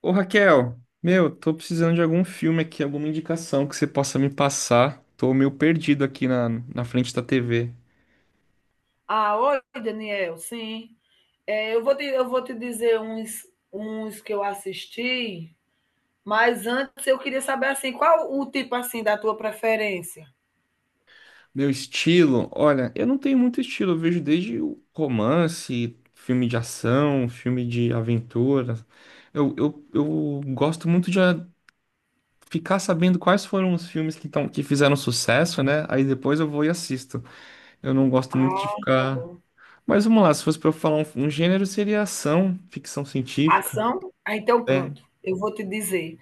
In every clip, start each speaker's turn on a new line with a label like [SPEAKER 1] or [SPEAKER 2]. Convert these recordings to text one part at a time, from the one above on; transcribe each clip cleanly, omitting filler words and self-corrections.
[SPEAKER 1] Ô Raquel, meu, tô precisando de algum filme aqui, alguma indicação que você possa me passar. Tô meio perdido aqui na frente da TV.
[SPEAKER 2] Ah, oi, Daniel, sim. É, eu vou te dizer uns que eu assisti, mas antes eu queria saber assim, qual o tipo assim da tua preferência?
[SPEAKER 1] Meu estilo, olha, eu não tenho muito estilo, eu vejo desde o romance, filme de ação, filme de aventura. Eu gosto muito de ficar sabendo quais foram os filmes que fizeram sucesso, né? Aí depois eu vou e assisto. Eu não gosto muito de
[SPEAKER 2] Ah, tá
[SPEAKER 1] ficar.
[SPEAKER 2] bom.
[SPEAKER 1] Mas vamos lá, se fosse pra eu falar um gênero, seria ação, ficção científica.
[SPEAKER 2] Ação? Ah, então
[SPEAKER 1] É.
[SPEAKER 2] pronto. Eu vou te dizer.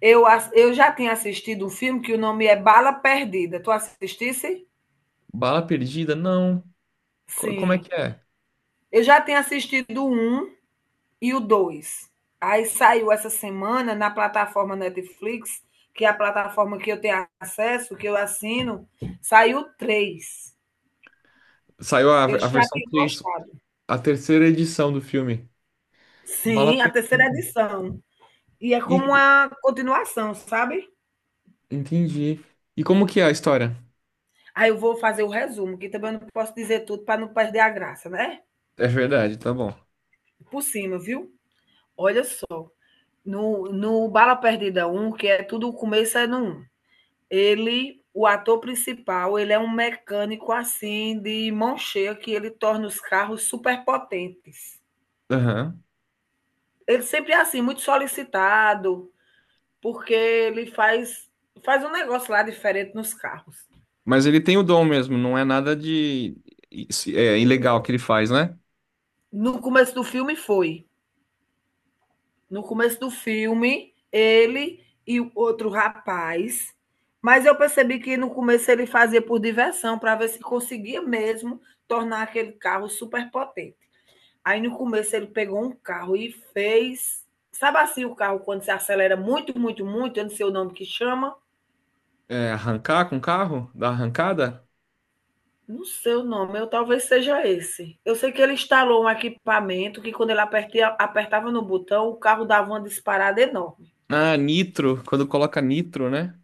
[SPEAKER 2] Eu já tinha assistido um filme que o nome é Bala Perdida. Tu assistisse?
[SPEAKER 1] Bala Perdida? Não. Como é
[SPEAKER 2] Sim.
[SPEAKER 1] que é?
[SPEAKER 2] Eu já tinha assistido um. E o dois. Aí saiu essa semana na plataforma Netflix, que é a plataforma que eu tenho acesso, que eu assino, saiu três.
[SPEAKER 1] Saiu
[SPEAKER 2] Eu
[SPEAKER 1] a
[SPEAKER 2] já
[SPEAKER 1] versão
[SPEAKER 2] tinha
[SPEAKER 1] 3,
[SPEAKER 2] gostado.
[SPEAKER 1] a terceira edição do filme. Bala
[SPEAKER 2] Sim, a terceira
[SPEAKER 1] Perdida.
[SPEAKER 2] edição. E é
[SPEAKER 1] E,
[SPEAKER 2] como uma continuação, sabe?
[SPEAKER 1] entendi. E como que é a história?
[SPEAKER 2] Aí eu vou fazer o resumo, que também eu não posso dizer tudo para não perder a graça, né?
[SPEAKER 1] É verdade, tá bom.
[SPEAKER 2] Por cima, viu? Olha só. No Bala Perdida um, que é tudo o começo, é no 1. Ele, o ator principal, ele é um mecânico assim de mão cheia, que ele torna os carros superpotentes.
[SPEAKER 1] Aham.
[SPEAKER 2] Ele sempre é assim, muito solicitado, porque ele faz um negócio lá diferente nos carros.
[SPEAKER 1] Mas ele tem o dom mesmo, não é nada de ilegal que ele faz, né?
[SPEAKER 2] No começo do filme foi. No começo do filme, ele e o outro rapaz, mas eu percebi que no começo ele fazia por diversão, para ver se conseguia mesmo tornar aquele carro superpotente. Aí no começo ele pegou um carro e fez. Sabe assim o carro quando se acelera muito, muito, muito? Eu não sei o nome que chama.
[SPEAKER 1] É, arrancar com o carro? Dar arrancada?
[SPEAKER 2] Não sei o nome, eu talvez seja esse. Eu sei que ele instalou um equipamento que quando ele apertia, apertava no botão, o carro dava uma disparada enorme.
[SPEAKER 1] Ah, nitro, quando coloca nitro, né?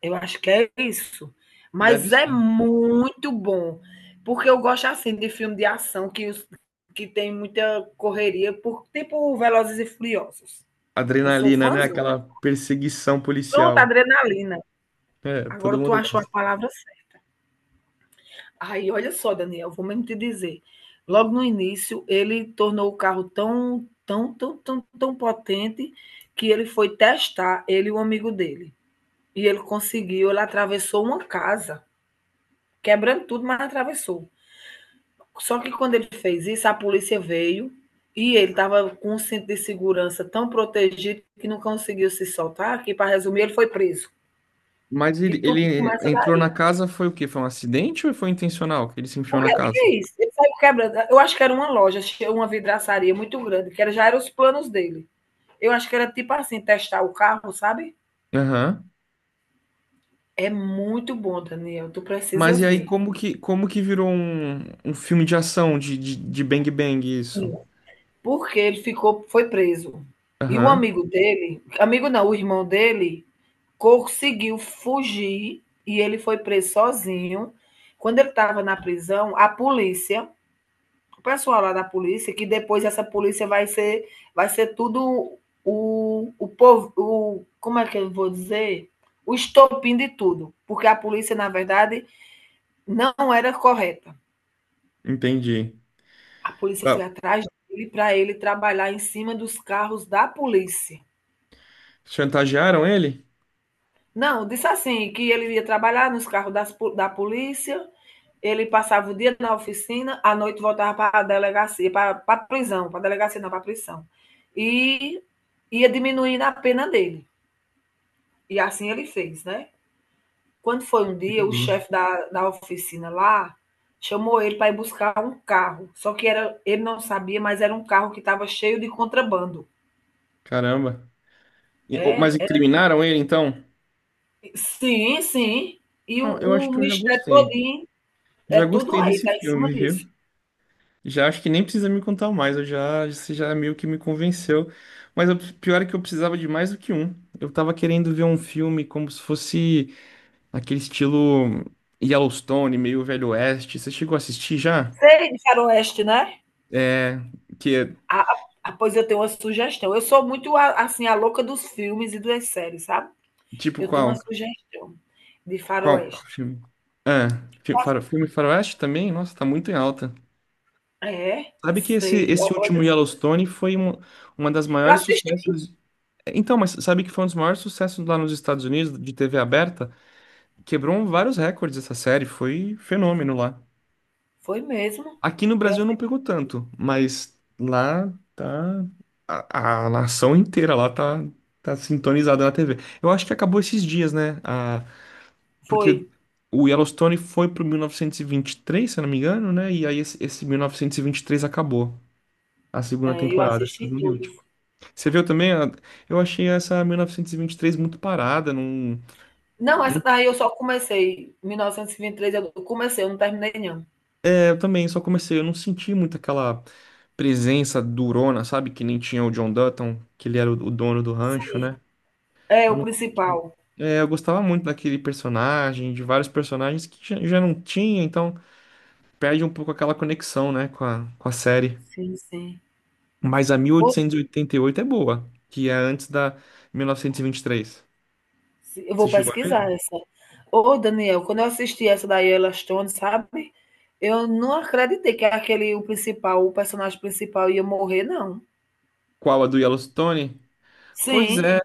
[SPEAKER 2] Eu acho que é isso.
[SPEAKER 1] Deve
[SPEAKER 2] Mas é
[SPEAKER 1] ser.
[SPEAKER 2] muito bom. Porque eu gosto assim de filme de ação que tem muita correria, por, tipo Velozes e Furiosos. Eu sou
[SPEAKER 1] Adrenalina, né?
[SPEAKER 2] fãzona.
[SPEAKER 1] Aquela perseguição
[SPEAKER 2] Pronto,
[SPEAKER 1] policial.
[SPEAKER 2] adrenalina.
[SPEAKER 1] É, todo
[SPEAKER 2] Agora tu
[SPEAKER 1] mundo.
[SPEAKER 2] achou a palavra certa. Aí, olha só, Daniel, vou mesmo te dizer. Logo no início, ele tornou o carro tão, tão, tão, tão, tão potente que ele foi testar, ele e o amigo dele. E ele conseguiu, ele atravessou uma casa, quebrando tudo, mas atravessou. Só que quando ele fez isso, a polícia veio e ele estava com um cinto de segurança tão protegido que não conseguiu se soltar, que, para resumir, ele foi preso.
[SPEAKER 1] Mas
[SPEAKER 2] Que tudo
[SPEAKER 1] ele
[SPEAKER 2] começa.
[SPEAKER 1] entrou na casa, foi o quê? Foi um acidente ou foi intencional que ele se enfiou na
[SPEAKER 2] Porque o que
[SPEAKER 1] casa?
[SPEAKER 2] é isso? Ele saiu quebrando. Eu acho que era uma loja, uma vidraçaria muito grande, que era, já eram os planos dele. Eu acho que era tipo assim, testar o carro, sabe?
[SPEAKER 1] Aham.
[SPEAKER 2] É muito bom, Daniel. Tu precisa
[SPEAKER 1] Mas e aí,
[SPEAKER 2] ver.
[SPEAKER 1] como que virou um filme de ação, de Bang Bang isso?
[SPEAKER 2] Sim. Porque ele ficou, foi preso. E o
[SPEAKER 1] Aham,
[SPEAKER 2] amigo dele, amigo não, o irmão dele, conseguiu fugir e ele foi preso sozinho. Quando ele estava na prisão, a polícia, o pessoal lá da polícia, que depois essa polícia vai ser tudo o povo, o, como é que eu vou dizer? O estopim de tudo, porque a polícia, na verdade, não era correta.
[SPEAKER 1] entendi.
[SPEAKER 2] A polícia
[SPEAKER 1] Tá.
[SPEAKER 2] foi atrás dele para ele trabalhar em cima dos carros da polícia.
[SPEAKER 1] Chantagearam ele?
[SPEAKER 2] Não, disse assim, que ele ia trabalhar nos carros da polícia, ele passava o dia na oficina, à noite voltava para a delegacia, para a prisão, para a delegacia não, para a prisão. E ia diminuindo a pena dele. E assim ele fez, né? Quando foi um dia, o
[SPEAKER 1] Entendi.
[SPEAKER 2] chefe da oficina lá chamou ele para ir buscar um carro. Só que era, ele não sabia, mas era um carro que estava cheio de contrabando.
[SPEAKER 1] Caramba.
[SPEAKER 2] É,
[SPEAKER 1] Mas
[SPEAKER 2] era-
[SPEAKER 1] incriminaram ele, então?
[SPEAKER 2] sim, sim. E o,
[SPEAKER 1] Ah, eu acho
[SPEAKER 2] o
[SPEAKER 1] que eu já
[SPEAKER 2] mistério todo.
[SPEAKER 1] gostei.
[SPEAKER 2] É
[SPEAKER 1] Já
[SPEAKER 2] tudo
[SPEAKER 1] gostei
[SPEAKER 2] aí,
[SPEAKER 1] desse
[SPEAKER 2] tá em cima
[SPEAKER 1] filme, viu?
[SPEAKER 2] disso.
[SPEAKER 1] Já acho que nem precisa me contar mais, eu já, você já meio que me convenceu. Mas o pior é que eu precisava de mais do que um. Eu tava querendo ver um filme como se fosse aquele estilo Yellowstone, meio Velho Oeste. Você chegou a assistir já?
[SPEAKER 2] Sei de faroeste, né?
[SPEAKER 1] É, que é
[SPEAKER 2] Ah, ah, pois eu tenho uma sugestão. Eu sou muito, assim, a louca dos filmes e das séries, sabe?
[SPEAKER 1] tipo
[SPEAKER 2] Eu tenho uma
[SPEAKER 1] qual?
[SPEAKER 2] sugestão de
[SPEAKER 1] Qual qual
[SPEAKER 2] faroeste.
[SPEAKER 1] filme? Ah, filme Faroeste também? Nossa, tá muito em alta.
[SPEAKER 2] É,
[SPEAKER 1] Sabe que
[SPEAKER 2] sei.
[SPEAKER 1] esse
[SPEAKER 2] Olha,
[SPEAKER 1] último Yellowstone foi uma das
[SPEAKER 2] eu
[SPEAKER 1] maiores
[SPEAKER 2] assisti.
[SPEAKER 1] sucessos. Então, mas sabe que foi um dos maiores sucessos lá nos Estados Unidos de TV aberta? Quebrou vários recordes essa série, foi fenômeno lá.
[SPEAKER 2] Foi mesmo.
[SPEAKER 1] Aqui no
[SPEAKER 2] Eu
[SPEAKER 1] Brasil não pegou
[SPEAKER 2] assisti.
[SPEAKER 1] tanto, mas lá tá. A nação inteira lá tá, tá sintonizada na TV. Eu acho que acabou esses dias, né? A,
[SPEAKER 2] Foi.
[SPEAKER 1] porque o Yellowstone foi pro 1923, se eu não me engano, né? E aí esse 1923 acabou. A segunda
[SPEAKER 2] É, eu
[SPEAKER 1] temporada, a
[SPEAKER 2] assisti
[SPEAKER 1] segunda e
[SPEAKER 2] tudo.
[SPEAKER 1] última. Você viu também? Eu achei essa 1923 muito parada, não,
[SPEAKER 2] Não, essa
[SPEAKER 1] não
[SPEAKER 2] daí eu só comecei. Mil novecentos e vinte e três. Eu comecei, eu não terminei, não.
[SPEAKER 1] Eu também só comecei, eu não senti muito aquela presença durona, sabe? Que nem tinha o John Dutton, que ele era o dono do rancho,
[SPEAKER 2] Sim.
[SPEAKER 1] né?
[SPEAKER 2] É,
[SPEAKER 1] Eu
[SPEAKER 2] o
[SPEAKER 1] não.
[SPEAKER 2] principal.
[SPEAKER 1] É, eu gostava muito daquele personagem, de vários personagens que já, já não tinha, então perde um pouco aquela conexão, né, com com a série.
[SPEAKER 2] Sim, sim.
[SPEAKER 1] Mas a 1888 é boa, que é antes da 1923.
[SPEAKER 2] Eu
[SPEAKER 1] Você
[SPEAKER 2] vou
[SPEAKER 1] chegou a ver?
[SPEAKER 2] pesquisar essa. Ô, Daniel, quando eu assisti essa da Yella Stone, sabe? Eu não acreditei que aquele, o principal, o personagem principal ia morrer, não.
[SPEAKER 1] Qual a do Yellowstone? Pois
[SPEAKER 2] Sim,
[SPEAKER 1] é,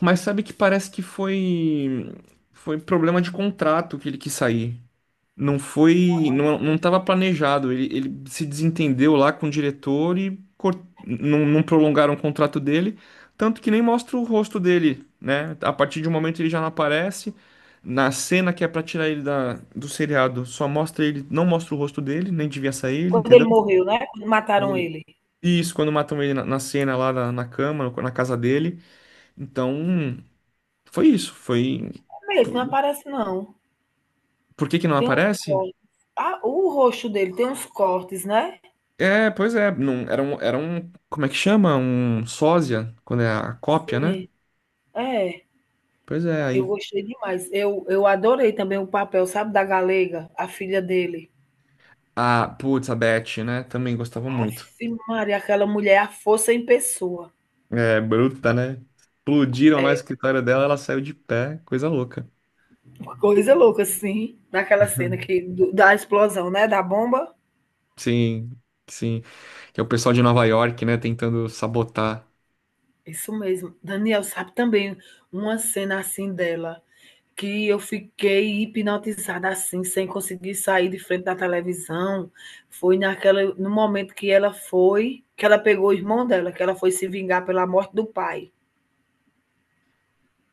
[SPEAKER 1] mas sabe que parece que foi problema de contrato que ele quis sair. Não foi, não, não estava planejado. Ele se desentendeu lá com o diretor e não, não prolongaram o contrato dele, tanto que nem mostra o rosto dele, né? A partir de um momento ele já não aparece. Na cena que é pra tirar ele do seriado, só mostra ele, não mostra o rosto dele, nem devia sair ele,
[SPEAKER 2] quando ele
[SPEAKER 1] entendeu?
[SPEAKER 2] morreu, né? Quando
[SPEAKER 1] Quando
[SPEAKER 2] mataram
[SPEAKER 1] ele-
[SPEAKER 2] ele.
[SPEAKER 1] isso, quando matam ele na cena lá na cama, na casa dele. Então, foi isso. Foi.
[SPEAKER 2] É mesmo,
[SPEAKER 1] Por,
[SPEAKER 2] não aparece, não.
[SPEAKER 1] por que que não
[SPEAKER 2] Tem uns
[SPEAKER 1] aparece?
[SPEAKER 2] cortes. Ah, o rosto dele tem uns cortes, né?
[SPEAKER 1] É, pois é, não, era era um, como é que chama? Um sósia, quando é a cópia, né?
[SPEAKER 2] Sim, é.
[SPEAKER 1] Pois é,
[SPEAKER 2] Eu
[SPEAKER 1] aí,
[SPEAKER 2] gostei demais. Eu adorei também o papel, sabe, da Galega, a filha dele.
[SPEAKER 1] a, putz, a Beth, né? Também gostava muito.
[SPEAKER 2] Sim, Maria, aquela mulher, é a força em pessoa.
[SPEAKER 1] É, bruta, né? Explodiram lá o
[SPEAKER 2] É,
[SPEAKER 1] escritório dela, ela saiu de pé, coisa louca.
[SPEAKER 2] coisa louca, sim, daquela cena da explosão, né? Da bomba.
[SPEAKER 1] Sim, sim. Que é o pessoal de Nova York, né, tentando sabotar.
[SPEAKER 2] Isso mesmo. Daniel sabe também uma cena assim dela, que eu fiquei hipnotizada assim, sem conseguir sair de frente da televisão. Foi naquela, no momento que ela foi, que ela pegou o irmão dela, que ela foi se vingar pela morte do pai.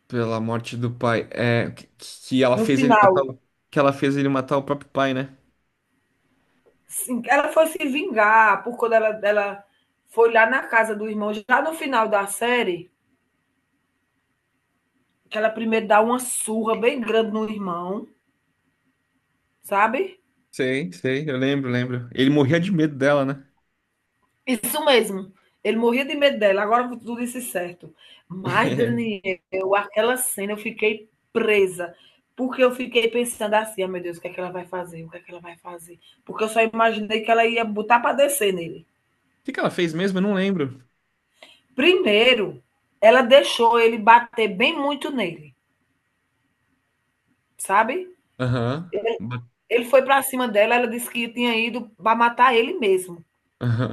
[SPEAKER 1] Pela morte do pai. É, que ela
[SPEAKER 2] No
[SPEAKER 1] fez ele matar
[SPEAKER 2] final,
[SPEAKER 1] que ela fez ele matar o próprio pai, né?
[SPEAKER 2] sim, ela foi se vingar por quando ela foi lá na casa do irmão, já no final da série. Que ela primeiro dá uma surra bem grande no irmão, sabe?
[SPEAKER 1] Sei, sei, eu lembro, lembro. Ele morria de medo dela, né?
[SPEAKER 2] Isso mesmo. Ele morria de medo dela, agora tu disse certo. Mas, Daniel, aquela cena eu fiquei presa, porque eu fiquei pensando assim, ah, meu Deus, o que é que ela vai fazer? O que é que ela vai fazer? Porque eu só imaginei que ela ia botar para descer nele.
[SPEAKER 1] O que que ela fez mesmo? Eu não lembro.
[SPEAKER 2] Primeiro, ela deixou ele bater bem muito nele, sabe?
[SPEAKER 1] Aham. Ba-
[SPEAKER 2] Ele foi para cima dela, ela disse que tinha ido para matar ele mesmo.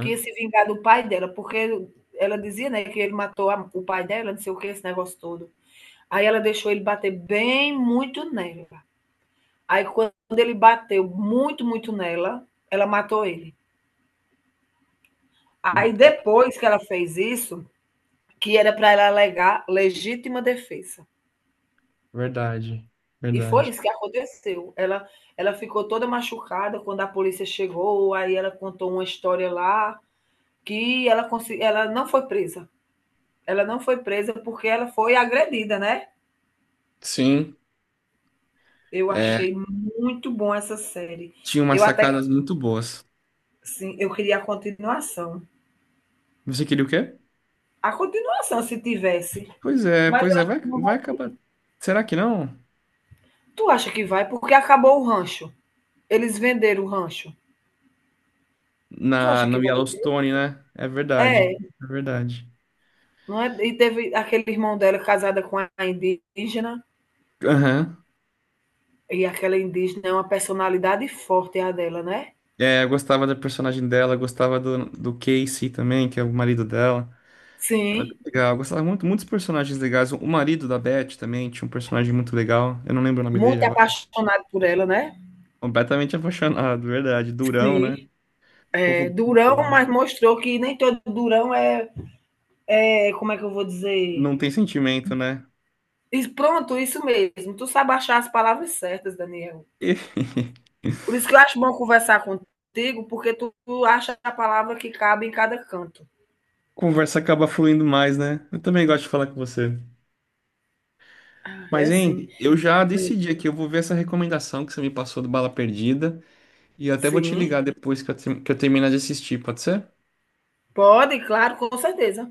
[SPEAKER 2] Que se vingar do pai dela, porque ela dizia, né, que ele matou o pai dela, não sei o que, esse negócio todo. Aí ela deixou ele bater bem muito nela. Aí quando ele bateu muito, muito nela, ela matou ele.
[SPEAKER 1] Ve-
[SPEAKER 2] Aí depois que ela fez isso, que era para ela alegar legítima defesa.
[SPEAKER 1] Verdade,
[SPEAKER 2] E foi
[SPEAKER 1] verdade.
[SPEAKER 2] isso que aconteceu. Ela ficou toda machucada quando a polícia chegou, aí ela contou uma história lá ela não foi presa. Ela não foi presa porque ela foi agredida, né?
[SPEAKER 1] Sim,
[SPEAKER 2] Eu
[SPEAKER 1] é,
[SPEAKER 2] achei muito bom essa série.
[SPEAKER 1] tinha umas
[SPEAKER 2] Eu até,
[SPEAKER 1] sacadas muito boas.
[SPEAKER 2] sim, eu queria a continuação.
[SPEAKER 1] Você queria o quê?
[SPEAKER 2] A continuação, se tivesse. Mas
[SPEAKER 1] Pois
[SPEAKER 2] eu
[SPEAKER 1] é,
[SPEAKER 2] acho
[SPEAKER 1] vai,
[SPEAKER 2] que não vai.
[SPEAKER 1] vai acabar. Será que não?
[SPEAKER 2] Tu acha que vai? Porque acabou o rancho. Eles venderam o rancho. Tu
[SPEAKER 1] Na,
[SPEAKER 2] acha que
[SPEAKER 1] no
[SPEAKER 2] vai?
[SPEAKER 1] Yellowstone, né? É verdade,
[SPEAKER 2] É,
[SPEAKER 1] é verdade.
[SPEAKER 2] não é? E teve aquele irmão dela casada com a indígena.
[SPEAKER 1] Aham.
[SPEAKER 2] E aquela indígena é uma personalidade forte, a dela, né?
[SPEAKER 1] É, eu gostava da personagem dela, gostava do Casey também, que é o marido dela. Era bem
[SPEAKER 2] Sim.
[SPEAKER 1] legal. Eu gostava muito, muitos personagens legais. O marido da Beth também tinha um personagem muito legal. Eu não lembro o nome
[SPEAKER 2] Muito
[SPEAKER 1] dele agora.
[SPEAKER 2] apaixonado por ela, né?
[SPEAKER 1] Completamente apaixonado, verdade. Durão, né?
[SPEAKER 2] Sim.
[SPEAKER 1] Povo
[SPEAKER 2] É
[SPEAKER 1] bruto
[SPEAKER 2] durão,
[SPEAKER 1] lá.
[SPEAKER 2] mas mostrou que nem todo durão é, é como é que eu vou dizer?
[SPEAKER 1] Não tem sentimento, né?
[SPEAKER 2] E pronto, isso mesmo. Tu sabe achar as palavras certas, Daniel.
[SPEAKER 1] E
[SPEAKER 2] Por isso que eu acho bom conversar contigo, porque tu acha a palavra que cabe em cada canto.
[SPEAKER 1] conversa acaba fluindo mais, né? Eu também gosto de falar com você.
[SPEAKER 2] Ah, é
[SPEAKER 1] Mas,
[SPEAKER 2] assim.
[SPEAKER 1] hein, eu já decidi aqui. Eu vou ver essa recomendação que você me passou do Bala Perdida. E eu até vou te
[SPEAKER 2] Sim,
[SPEAKER 1] ligar depois que que eu terminar de assistir, pode ser?
[SPEAKER 2] pode, claro, com certeza.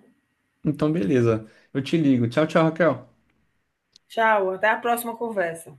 [SPEAKER 1] Então, beleza. Eu te ligo. Tchau, tchau, Raquel.
[SPEAKER 2] Tchau, até a próxima conversa.